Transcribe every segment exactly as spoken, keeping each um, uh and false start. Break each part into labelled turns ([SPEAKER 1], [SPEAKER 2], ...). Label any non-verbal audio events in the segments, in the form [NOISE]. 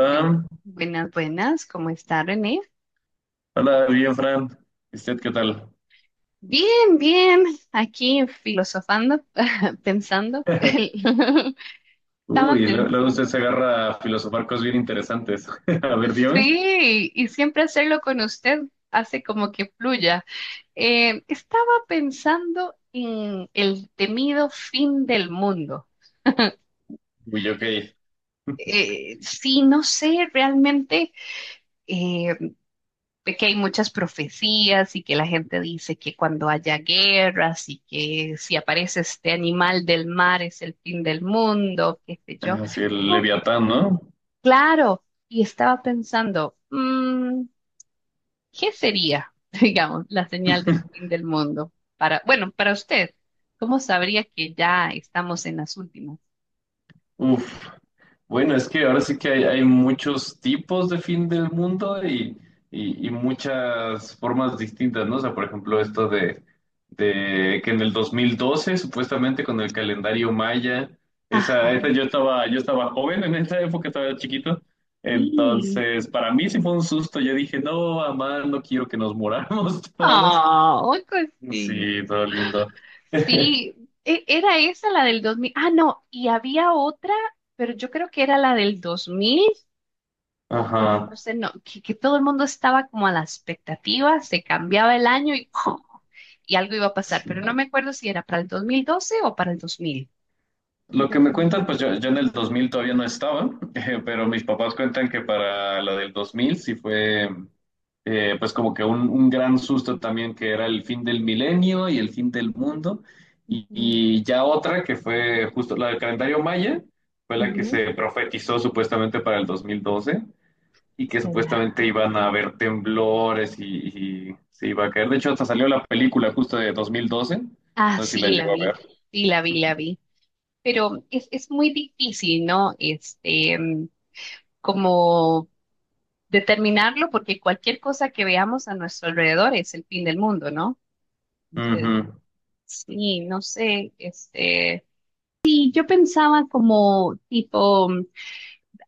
[SPEAKER 1] Bueno, buenas, buenas, ¿cómo está René?
[SPEAKER 2] hola, bien, Fran. ¿Y usted qué tal?
[SPEAKER 1] Bien, bien, aquí filosofando, [LAUGHS] pensando.
[SPEAKER 2] [LAUGHS]
[SPEAKER 1] [LAUGHS] Estaba
[SPEAKER 2] Uy, lo- luego usted
[SPEAKER 1] pensando.
[SPEAKER 2] se agarra a filosofar cosas bien interesantes. [LAUGHS] A ver, dime.
[SPEAKER 1] Sí, y siempre hacerlo con usted hace como que fluya. Eh, estaba pensando en el temido fin del mundo.
[SPEAKER 2] Uy, ok.
[SPEAKER 1] Eh, sí, no sé realmente. eh, que hay muchas profecías y que la gente dice que cuando haya guerras y que si aparece este animal del mar es el fin del mundo, qué sé yo.
[SPEAKER 2] Ah, sí, el
[SPEAKER 1] Oh,
[SPEAKER 2] Leviatán, ¿no?
[SPEAKER 1] claro, y estaba pensando, mm, ¿qué sería, [LAUGHS] digamos, la señal del fin del mundo? Para, bueno, para usted, ¿cómo sabría que ya estamos en las últimas?
[SPEAKER 2] Uf, bueno, es que ahora sí que hay, hay muchos tipos de fin del mundo y, y- y muchas formas distintas, ¿no? O sea, por ejemplo, esto de, de que en el dos mil doce supuestamente con el calendario maya, esa,
[SPEAKER 1] Ajá,
[SPEAKER 2] esa yo estaba, yo estaba joven en esa época, estaba chiquito,
[SPEAKER 1] sí.
[SPEAKER 2] entonces para mí sí fue un susto, yo dije, no, mamá, no quiero que nos moramos [LAUGHS] todos.
[SPEAKER 1] Oh,
[SPEAKER 2] Sí, todo lindo. [LAUGHS]
[SPEAKER 1] sí, e- era esa la del dos mil. Ah, no, y había otra, pero yo creo que era la del dos mil. O bueno,
[SPEAKER 2] Ajá.
[SPEAKER 1] no sé, no, que, que todo el mundo estaba como a la expectativa, se cambiaba el año y, [LAUGHS] ¡pum! Y algo iba a pasar,
[SPEAKER 2] Sí.
[SPEAKER 1] pero no me acuerdo si era para el dos mil doce o para el dos mil. No
[SPEAKER 2] Lo que me
[SPEAKER 1] recuerdo.
[SPEAKER 2] cuentan, pues yo, yo en el dos mil todavía no estaba, [LAUGHS] eh, pero mis papás cuentan que para la del dos mil sí fue, eh, pues como que un, un gran susto también, que era el fin del milenio y el fin del mundo. Y,
[SPEAKER 1] Ujú,
[SPEAKER 2] y ya otra que fue justo la del calendario maya, fue la que
[SPEAKER 1] ujú.
[SPEAKER 2] se profetizó supuestamente para el dos mil doce y que
[SPEAKER 1] ¿Verdad?
[SPEAKER 2] supuestamente iban a haber temblores y, y se iba a caer. De hecho, hasta salió la película justo de dos mil doce.
[SPEAKER 1] Ah,
[SPEAKER 2] No sé si la
[SPEAKER 1] sí, la
[SPEAKER 2] llegó a ver.
[SPEAKER 1] vi, sí, la vi, la vi. Pero es, es muy difícil, ¿no? Este, mm, como determinarlo porque cualquier cosa que veamos a nuestro alrededor es el fin del mundo, ¿no? Entonces,
[SPEAKER 2] Ujú,
[SPEAKER 1] sí, no sé, este, sí, yo pensaba como tipo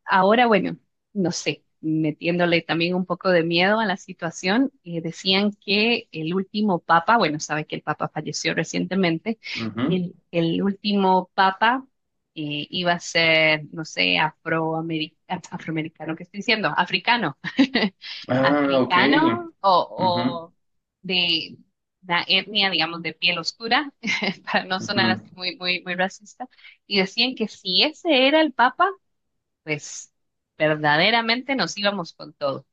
[SPEAKER 1] ahora, bueno, no sé, metiéndole también un poco de miedo a la situación, eh, decían que el último papa, bueno, sabe que el papa falleció recientemente,
[SPEAKER 2] ujú.
[SPEAKER 1] el, el último papa eh, iba a ser, no sé, afroameri- af- afroamericano, ¿qué estoy diciendo? Africano, [LAUGHS]
[SPEAKER 2] Ah, ok.
[SPEAKER 1] africano o,
[SPEAKER 2] Ujú,
[SPEAKER 1] o de la etnia, digamos, de piel oscura, [LAUGHS] para no sonar
[SPEAKER 2] ujú.
[SPEAKER 1] así muy, muy, muy racista, y decían que si ese era el papa, pues verdaderamente nos íbamos con todo.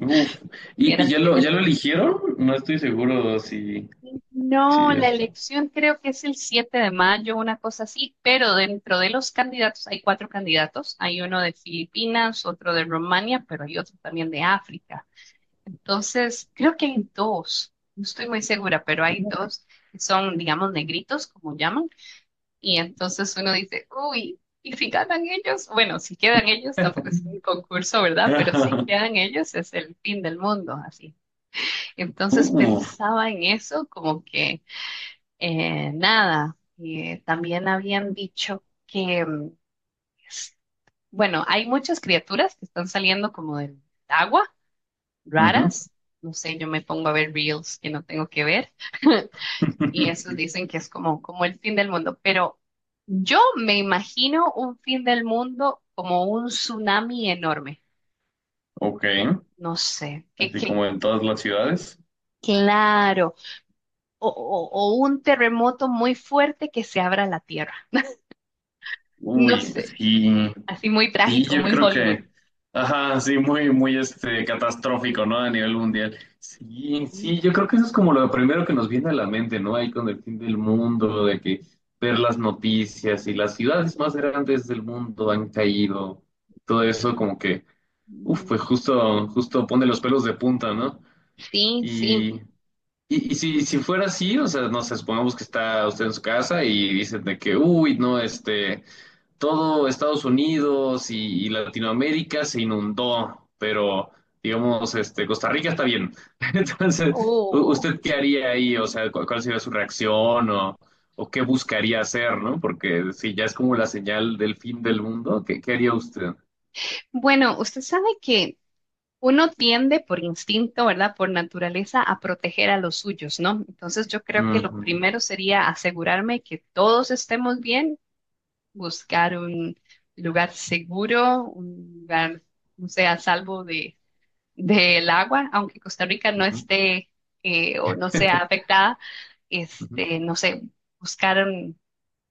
[SPEAKER 2] Uf. ¿Y,
[SPEAKER 1] Era
[SPEAKER 2] y
[SPEAKER 1] el
[SPEAKER 2] ya
[SPEAKER 1] fin
[SPEAKER 2] lo,
[SPEAKER 1] del
[SPEAKER 2] ya lo
[SPEAKER 1] mundo.
[SPEAKER 2] eligieron? No estoy seguro si,
[SPEAKER 1] No,
[SPEAKER 2] si ya
[SPEAKER 1] la
[SPEAKER 2] está.
[SPEAKER 1] elección creo que es el siete de mayo, una cosa así, pero dentro de los candidatos hay cuatro candidatos. Hay uno de Filipinas, otro de Rumania, pero hay otro también de África. Entonces, creo que hay dos, no estoy muy segura, pero hay dos que son, digamos, negritos, como llaman. Y entonces uno dice, uy, ¿y si ganan ellos? Bueno, si quedan ellos, tampoco es un concurso, ¿verdad? Pero si
[SPEAKER 2] [LAUGHS]
[SPEAKER 1] quedan ellos es el fin del mundo, así. Entonces
[SPEAKER 2] Uh,
[SPEAKER 1] pensaba en eso como que eh, nada, eh, también habían dicho que, mm, s- bueno, hay muchas criaturas que están saliendo como del agua,
[SPEAKER 2] ujú.
[SPEAKER 1] raras. No sé, yo me pongo a ver reels que no tengo que ver. [LAUGHS] Y esos
[SPEAKER 2] [LAUGHS]
[SPEAKER 1] dicen que es como, como el fin del mundo, pero yo me imagino un fin del mundo como un tsunami enorme,
[SPEAKER 2] Ok.
[SPEAKER 1] no sé, que,
[SPEAKER 2] Así
[SPEAKER 1] que
[SPEAKER 2] como en todas las ciudades.
[SPEAKER 1] claro, o, o- o un terremoto muy fuerte que se abra la tierra, no
[SPEAKER 2] Uy,
[SPEAKER 1] sé,
[SPEAKER 2] sí.
[SPEAKER 1] así muy
[SPEAKER 2] Sí,
[SPEAKER 1] trágico,
[SPEAKER 2] yo
[SPEAKER 1] muy
[SPEAKER 2] creo
[SPEAKER 1] Hollywood.
[SPEAKER 2] que, ajá, sí, muy, muy este, catastrófico, ¿no? A nivel mundial. Sí, sí, yo creo que eso es como lo primero que nos viene a la mente, ¿no? Ahí con el fin del mundo, de que ver las noticias y las ciudades más grandes del mundo han caído, todo eso como que, uf,
[SPEAKER 1] Mm,
[SPEAKER 2] pues justo, justo pone los pelos de punta, ¿no?
[SPEAKER 1] sí, sí.
[SPEAKER 2] Y, y, y si, si fuera así, o sea, no sé, supongamos que está usted en su casa y dicen de que, uy, no, este todo Estados Unidos y, y Latinoamérica se inundó, pero digamos, este, Costa Rica está bien. [LAUGHS] Entonces, u-
[SPEAKER 1] Oh.
[SPEAKER 2] ¿usted qué haría ahí? O sea, cu- ¿cuál sería su reacción o, o qué buscaría hacer, ¿no? Porque si ya es como la señal del fin del mundo, ¿qué, qué haría usted?
[SPEAKER 1] Bueno, usted sabe que uno tiende por instinto, ¿verdad? Por naturaleza a proteger a los suyos, ¿no? Entonces yo creo que lo
[SPEAKER 2] Ujú,
[SPEAKER 1] primero sería asegurarme que todos estemos bien, buscar un lugar seguro, un lugar, no sé, a salvo de, del agua, aunque Costa Rica no
[SPEAKER 2] ujú,
[SPEAKER 1] esté eh, o no sea
[SPEAKER 2] [LAUGHS]
[SPEAKER 1] afectada,
[SPEAKER 2] ujú,
[SPEAKER 1] este, no sé, buscar un-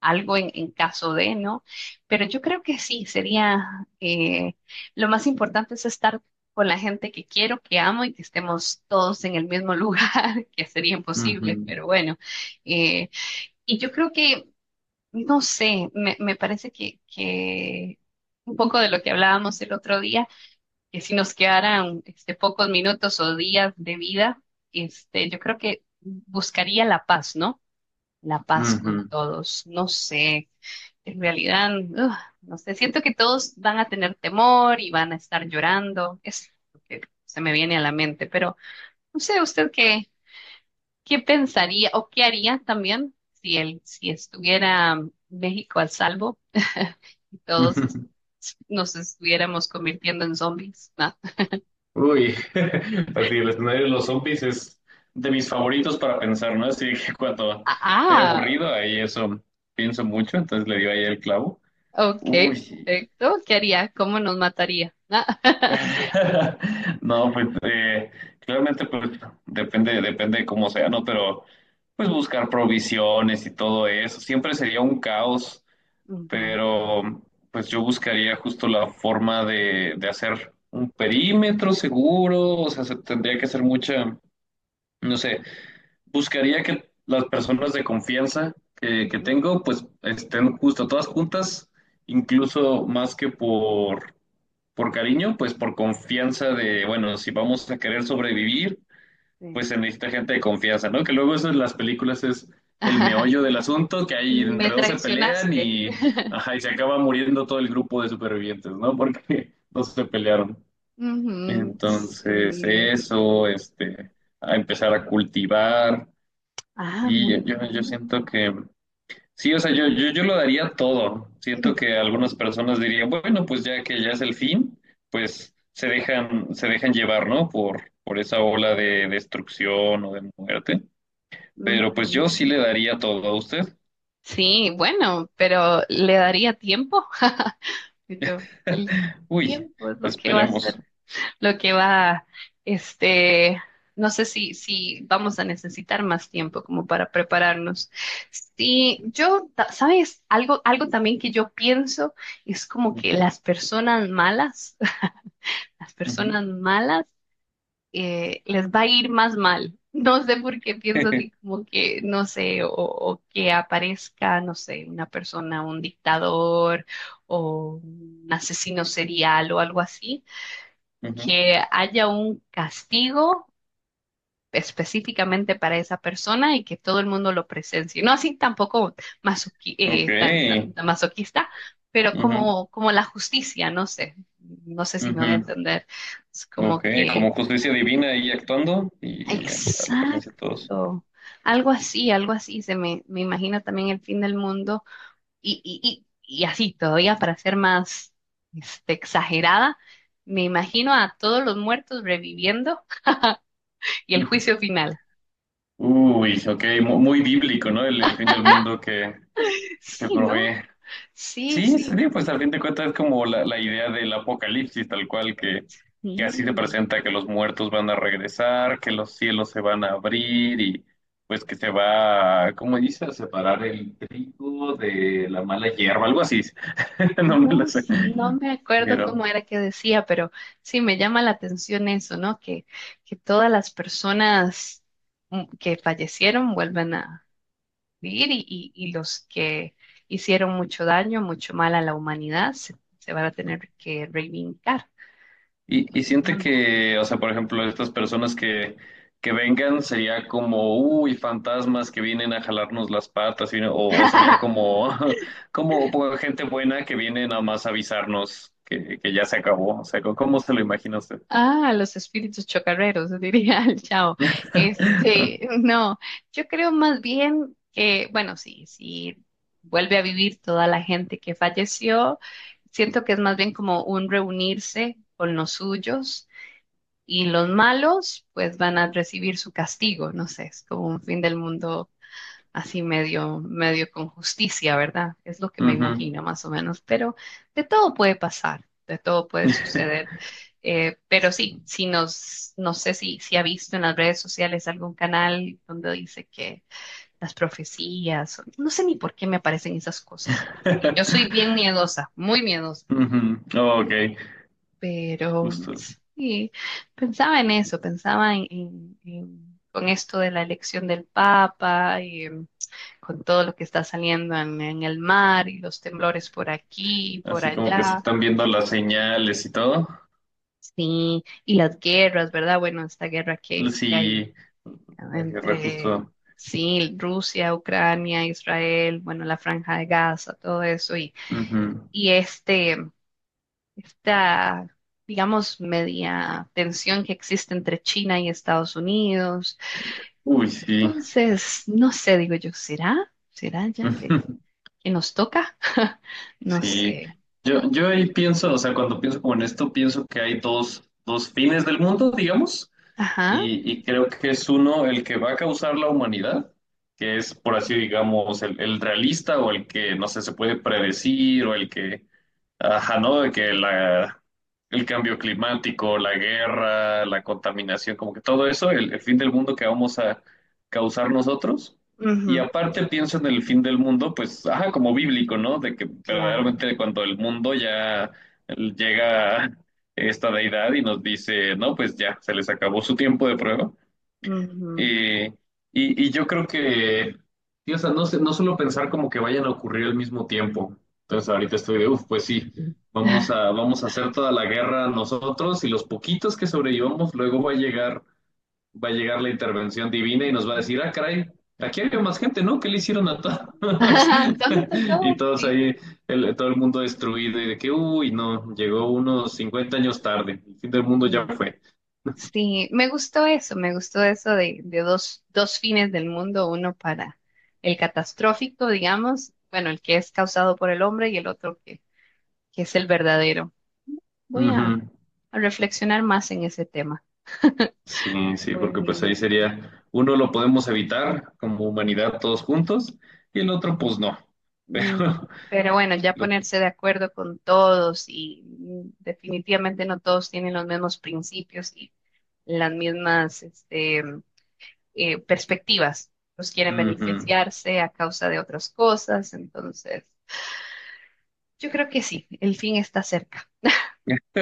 [SPEAKER 1] algo en, en caso de, ¿no? Pero yo creo que sí, sería eh, lo más importante es estar con la gente que quiero, que amo y que estemos todos en el mismo lugar, [LAUGHS] que sería imposible,
[SPEAKER 2] ujú,
[SPEAKER 1] pero bueno. eh, y yo creo que, no sé, me, me parece que, que un poco de lo que hablábamos el otro día, que si nos quedaran este, pocos minutos o días de vida, este, yo creo que buscaría la paz, ¿no? La paz con todos. No sé, en realidad, ugh, no sé, siento que todos van a tener temor y van a estar llorando, es lo que se me viene a la mente, pero no sé usted qué, qué pensaría o qué haría también si él, si estuviera México al salvo [LAUGHS] y
[SPEAKER 2] ujú,
[SPEAKER 1] todos es-
[SPEAKER 2] ujú.
[SPEAKER 1] nos estuviéramos convirtiendo en zombies. ¿No?
[SPEAKER 2] Uy, [LAUGHS] así el escenario de los zombies es de mis favoritos para pensar, ¿no? Así que cuando estoy
[SPEAKER 1] Ah,
[SPEAKER 2] aburrido, ahí eso pienso mucho, entonces le dio ahí el clavo.
[SPEAKER 1] ok,
[SPEAKER 2] Uy,
[SPEAKER 1] perfecto. ¿Qué haría? ¿Cómo nos mataría? ¿No? [LAUGHS]
[SPEAKER 2] [LAUGHS] no, pues eh, claramente pues, depende, depende de cómo sea, ¿no? Pero pues buscar provisiones y todo eso, siempre sería un caos,
[SPEAKER 1] Ujú,
[SPEAKER 2] pero pues yo buscaría justo la forma de, de hacer un perímetro seguro, o sea, se- tendría que hacer mucha no sé, buscaría que las personas de confianza que, que
[SPEAKER 1] ujú,
[SPEAKER 2] tengo, pues estén justo todas juntas, incluso más que por, por cariño, pues por confianza de, bueno, si vamos a querer sobrevivir,
[SPEAKER 1] sí.
[SPEAKER 2] pues se necesita gente de confianza, ¿no? Que luego eso en las películas es el
[SPEAKER 1] [LAUGHS]
[SPEAKER 2] meollo del asunto, que ahí
[SPEAKER 1] Me
[SPEAKER 2] entre dos se pelean
[SPEAKER 1] traicionaste.
[SPEAKER 2] y, ajá, y se acaba muriendo todo el grupo de supervivientes, ¿no? Porque [LAUGHS] no se pelearon.
[SPEAKER 1] Ujú,
[SPEAKER 2] Entonces,
[SPEAKER 1] sí.
[SPEAKER 2] eso, este, a empezar a cultivar.
[SPEAKER 1] Ah,
[SPEAKER 2] Y yo,
[SPEAKER 1] muy
[SPEAKER 2] yo, yo
[SPEAKER 1] bien.
[SPEAKER 2] siento que, sí, o sea, yo, yo, yo lo daría todo. Siento que
[SPEAKER 1] [CLEARS THROAT]
[SPEAKER 2] algunas personas dirían, bueno, pues ya que ya es el fin, pues se dejan, se dejan llevar, ¿no? Por, por esa ola de destrucción o de muerte. Pero pues
[SPEAKER 1] Ujú.
[SPEAKER 2] yo sí le daría todo a usted.
[SPEAKER 1] Sí, bueno, pero le daría tiempo. Yo, el
[SPEAKER 2] [LAUGHS] Uy,
[SPEAKER 1] tiempo es lo que va a
[SPEAKER 2] esperemos.
[SPEAKER 1] hacer, lo que va, este, no sé si, si vamos a necesitar más tiempo como para prepararnos. Sí, yo, ta- ¿sabes? Algo, algo también que yo pienso es como que las personas malas, [LAUGHS] las
[SPEAKER 2] Ujú.
[SPEAKER 1] personas malas eh, les va a ir más mal. No sé por qué pienso
[SPEAKER 2] [LAUGHS]
[SPEAKER 1] así como que, no sé, o, o que aparezca, no sé, una persona, un dictador o un asesino serial o algo así,
[SPEAKER 2] Ujú.
[SPEAKER 1] que haya un castigo específicamente para esa persona y que todo el mundo lo presencie. No así tampoco masoqui-
[SPEAKER 2] Ok.
[SPEAKER 1] eh, tan, tan, tan masoquista, pero
[SPEAKER 2] Ujú.
[SPEAKER 1] como, como la justicia, no sé, no sé si me voy a
[SPEAKER 2] Ujú.
[SPEAKER 1] entender. Es
[SPEAKER 2] Ok,
[SPEAKER 1] como que
[SPEAKER 2] como justicia divina ahí actuando y ya, a la presencia de todos.
[SPEAKER 1] exacto. Algo así, algo así. Se me, me imagino también el fin del mundo y, y, y, y así todavía para ser más este, exagerada, me imagino a todos los muertos reviviendo y el juicio
[SPEAKER 2] [LAUGHS]
[SPEAKER 1] final.
[SPEAKER 2] Uy, sí, ok, mu- muy bíblico, ¿no? El, el fin del mundo que se
[SPEAKER 1] Sí, ¿no?
[SPEAKER 2] provee.
[SPEAKER 1] Sí,
[SPEAKER 2] Sí, sí,
[SPEAKER 1] sí.
[SPEAKER 2] sí, pues al fin de cuentas es como la, la idea del apocalipsis, tal cual, que, que así se
[SPEAKER 1] Mm.
[SPEAKER 2] presenta, que los muertos van a regresar, que los cielos se van a abrir y pues que se va, ¿cómo dice? A separar el trigo de la mala hierba, algo así. [LAUGHS] No me lo
[SPEAKER 1] No,
[SPEAKER 2] sé.
[SPEAKER 1] s- no me acuerdo
[SPEAKER 2] Pero,
[SPEAKER 1] cómo era que decía, pero sí me llama la atención eso, ¿no? Que, que todas las personas mm, que fallecieron vuelven a vivir y, y y los que hicieron mucho daño, mucho mal a la humanidad, se, se van a tener que reivindicar,
[SPEAKER 2] Y, y
[SPEAKER 1] porque
[SPEAKER 2] siente
[SPEAKER 1] manda.
[SPEAKER 2] que, o sea, por ejemplo, estas personas que, que vengan sería como, uy, fantasmas que vienen a jalarnos las patas, y- o, o sería
[SPEAKER 1] [LAUGHS]
[SPEAKER 2] como, [LAUGHS] como pues, gente buena que viene nada más a avisarnos que, que ya se acabó. O sea, ¿cómo cómo se lo imagina usted?
[SPEAKER 1] Ah, los espíritus chocarreros, diría el chavo.
[SPEAKER 2] [LAUGHS]
[SPEAKER 1] Este, no, yo creo más bien que, bueno, sí, sí, vuelve a vivir toda la gente que falleció. Siento que es más bien como un reunirse con los suyos y los malos pues van a recibir su castigo, no sé, es como un fin del mundo así medio, medio con justicia, ¿verdad? Es lo que me
[SPEAKER 2] Ujú.
[SPEAKER 1] imagino más o menos, pero de todo puede pasar, de todo puede suceder. Eh, pero sí, si nos, no sé si, si ha visto en las redes sociales algún canal donde dice que las profecías, no sé ni por qué me aparecen esas cosas. Y yo soy
[SPEAKER 2] [LAUGHS]
[SPEAKER 1] bien miedosa, muy miedosa,
[SPEAKER 2] Ujú. Ok,
[SPEAKER 1] pero
[SPEAKER 2] justo.
[SPEAKER 1] sí, pensaba en eso, pensaba en, en- en- con esto de la elección del Papa con todo lo que está saliendo en, en el mar y los temblores por aquí y por
[SPEAKER 2] Así como que se
[SPEAKER 1] allá.
[SPEAKER 2] están viendo las señales y todo.
[SPEAKER 1] Sí, y las guerras, ¿verdad? Bueno, esta guerra que que hay
[SPEAKER 2] Sí, agarré
[SPEAKER 1] entre,
[SPEAKER 2] justo.
[SPEAKER 1] sí, Rusia, Ucrania, Israel, bueno, la Franja de Gaza, todo eso, y,
[SPEAKER 2] Ujú.
[SPEAKER 1] y este, esta, digamos, media tensión que existe entre China y Estados Unidos.
[SPEAKER 2] Uy, sí.
[SPEAKER 1] Entonces, no sé, digo yo, ¿será? ¿Será ya que,
[SPEAKER 2] [LAUGHS]
[SPEAKER 1] que nos toca? [LAUGHS] No
[SPEAKER 2] Sí,
[SPEAKER 1] sé.
[SPEAKER 2] yo, yo ahí pienso, o sea, cuando pienso como en esto, pienso que hay dos, dos fines del mundo, digamos,
[SPEAKER 1] Ajá.
[SPEAKER 2] y, y creo que es uno el que va a causar la humanidad, que es, por así digamos, el, el realista o el que, no sé, se puede predecir o el que ajá, ¿no? De que la, el cambio climático, la guerra, la contaminación, como que todo eso, el, el fin del mundo que vamos a causar nosotros. Y
[SPEAKER 1] Ujú,
[SPEAKER 2] aparte pienso en el fin del mundo, pues, ajá, como bíblico, ¿no? De que
[SPEAKER 1] claro.
[SPEAKER 2] verdaderamente cuando el mundo ya llega esta deidad y nos dice, no, pues ya, se les acabó su tiempo de prueba.
[SPEAKER 1] Ujú.
[SPEAKER 2] Eh, y, y yo creo que, sí, o sea, no sé, no suelo pensar como que vayan a ocurrir al mismo tiempo. Entonces ahorita estoy de, uff, pues sí,
[SPEAKER 1] Mm.
[SPEAKER 2] vamos a, vamos a hacer toda la guerra nosotros y los poquitos que sobrevivamos, luego va a llegar, va a llegar la intervención divina y nos va a decir, ah, caray, aquí había más gente, ¿no? ¿Qué le hicieron a todos?
[SPEAKER 1] [LAUGHS] ¿Dónde está
[SPEAKER 2] [LAUGHS] Y
[SPEAKER 1] todo?
[SPEAKER 2] todos
[SPEAKER 1] Sí.
[SPEAKER 2] ahí, el- todo el mundo destruido y de que, uy, no, llegó unos cincuenta años tarde, el fin del mundo ya
[SPEAKER 1] Mm,
[SPEAKER 2] fue.
[SPEAKER 1] sí, me gustó eso, me gustó eso de, de dos, dos fines del mundo, uno para el catastrófico, digamos, bueno, el que es causado por el hombre y el otro que, que es el verdadero. Voy a,
[SPEAKER 2] Ujú.
[SPEAKER 1] a reflexionar más en ese tema. [LAUGHS]
[SPEAKER 2] Sí, sí,
[SPEAKER 1] Bueno.
[SPEAKER 2] porque pues ahí sería, uno lo podemos evitar como humanidad todos juntos y el otro pues no.
[SPEAKER 1] Mm,
[SPEAKER 2] Pero,
[SPEAKER 1] pero bueno, ya
[SPEAKER 2] [LAUGHS] lo-
[SPEAKER 1] ponerse de acuerdo con todos y mm, definitivamente no todos tienen los mismos principios y las mismas este, eh, perspectivas. Los quieren
[SPEAKER 2] ujú.
[SPEAKER 1] beneficiarse a causa de otras cosas. Entonces, yo creo que sí, el fin está cerca.
[SPEAKER 2] [LAUGHS]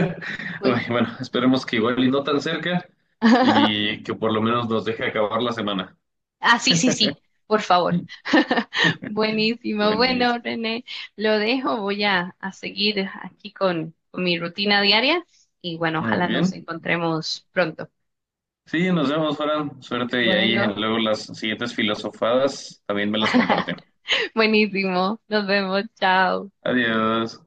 [SPEAKER 1] Pues.
[SPEAKER 2] Ay, bueno, esperemos que igual y no tan cerca
[SPEAKER 1] [LAUGHS]
[SPEAKER 2] y que por lo menos nos deje acabar la semana.
[SPEAKER 1] Ah, sí, sí, sí, por favor.
[SPEAKER 2] [LAUGHS]
[SPEAKER 1] [LAUGHS] Buenísimo. Bueno,
[SPEAKER 2] Buenísimo.
[SPEAKER 1] René, lo dejo. Voy a, a seguir aquí con, con mi rutina diaria y bueno,
[SPEAKER 2] Muy
[SPEAKER 1] ojalá nos
[SPEAKER 2] bien.
[SPEAKER 1] encontremos pronto.
[SPEAKER 2] Sí, nos vemos, Fran. Suerte y ahí en
[SPEAKER 1] Bueno,
[SPEAKER 2] luego las siguientes filosofadas también me las comparten.
[SPEAKER 1] [LAUGHS] buenísimo. Nos vemos. Chao.
[SPEAKER 2] Adiós.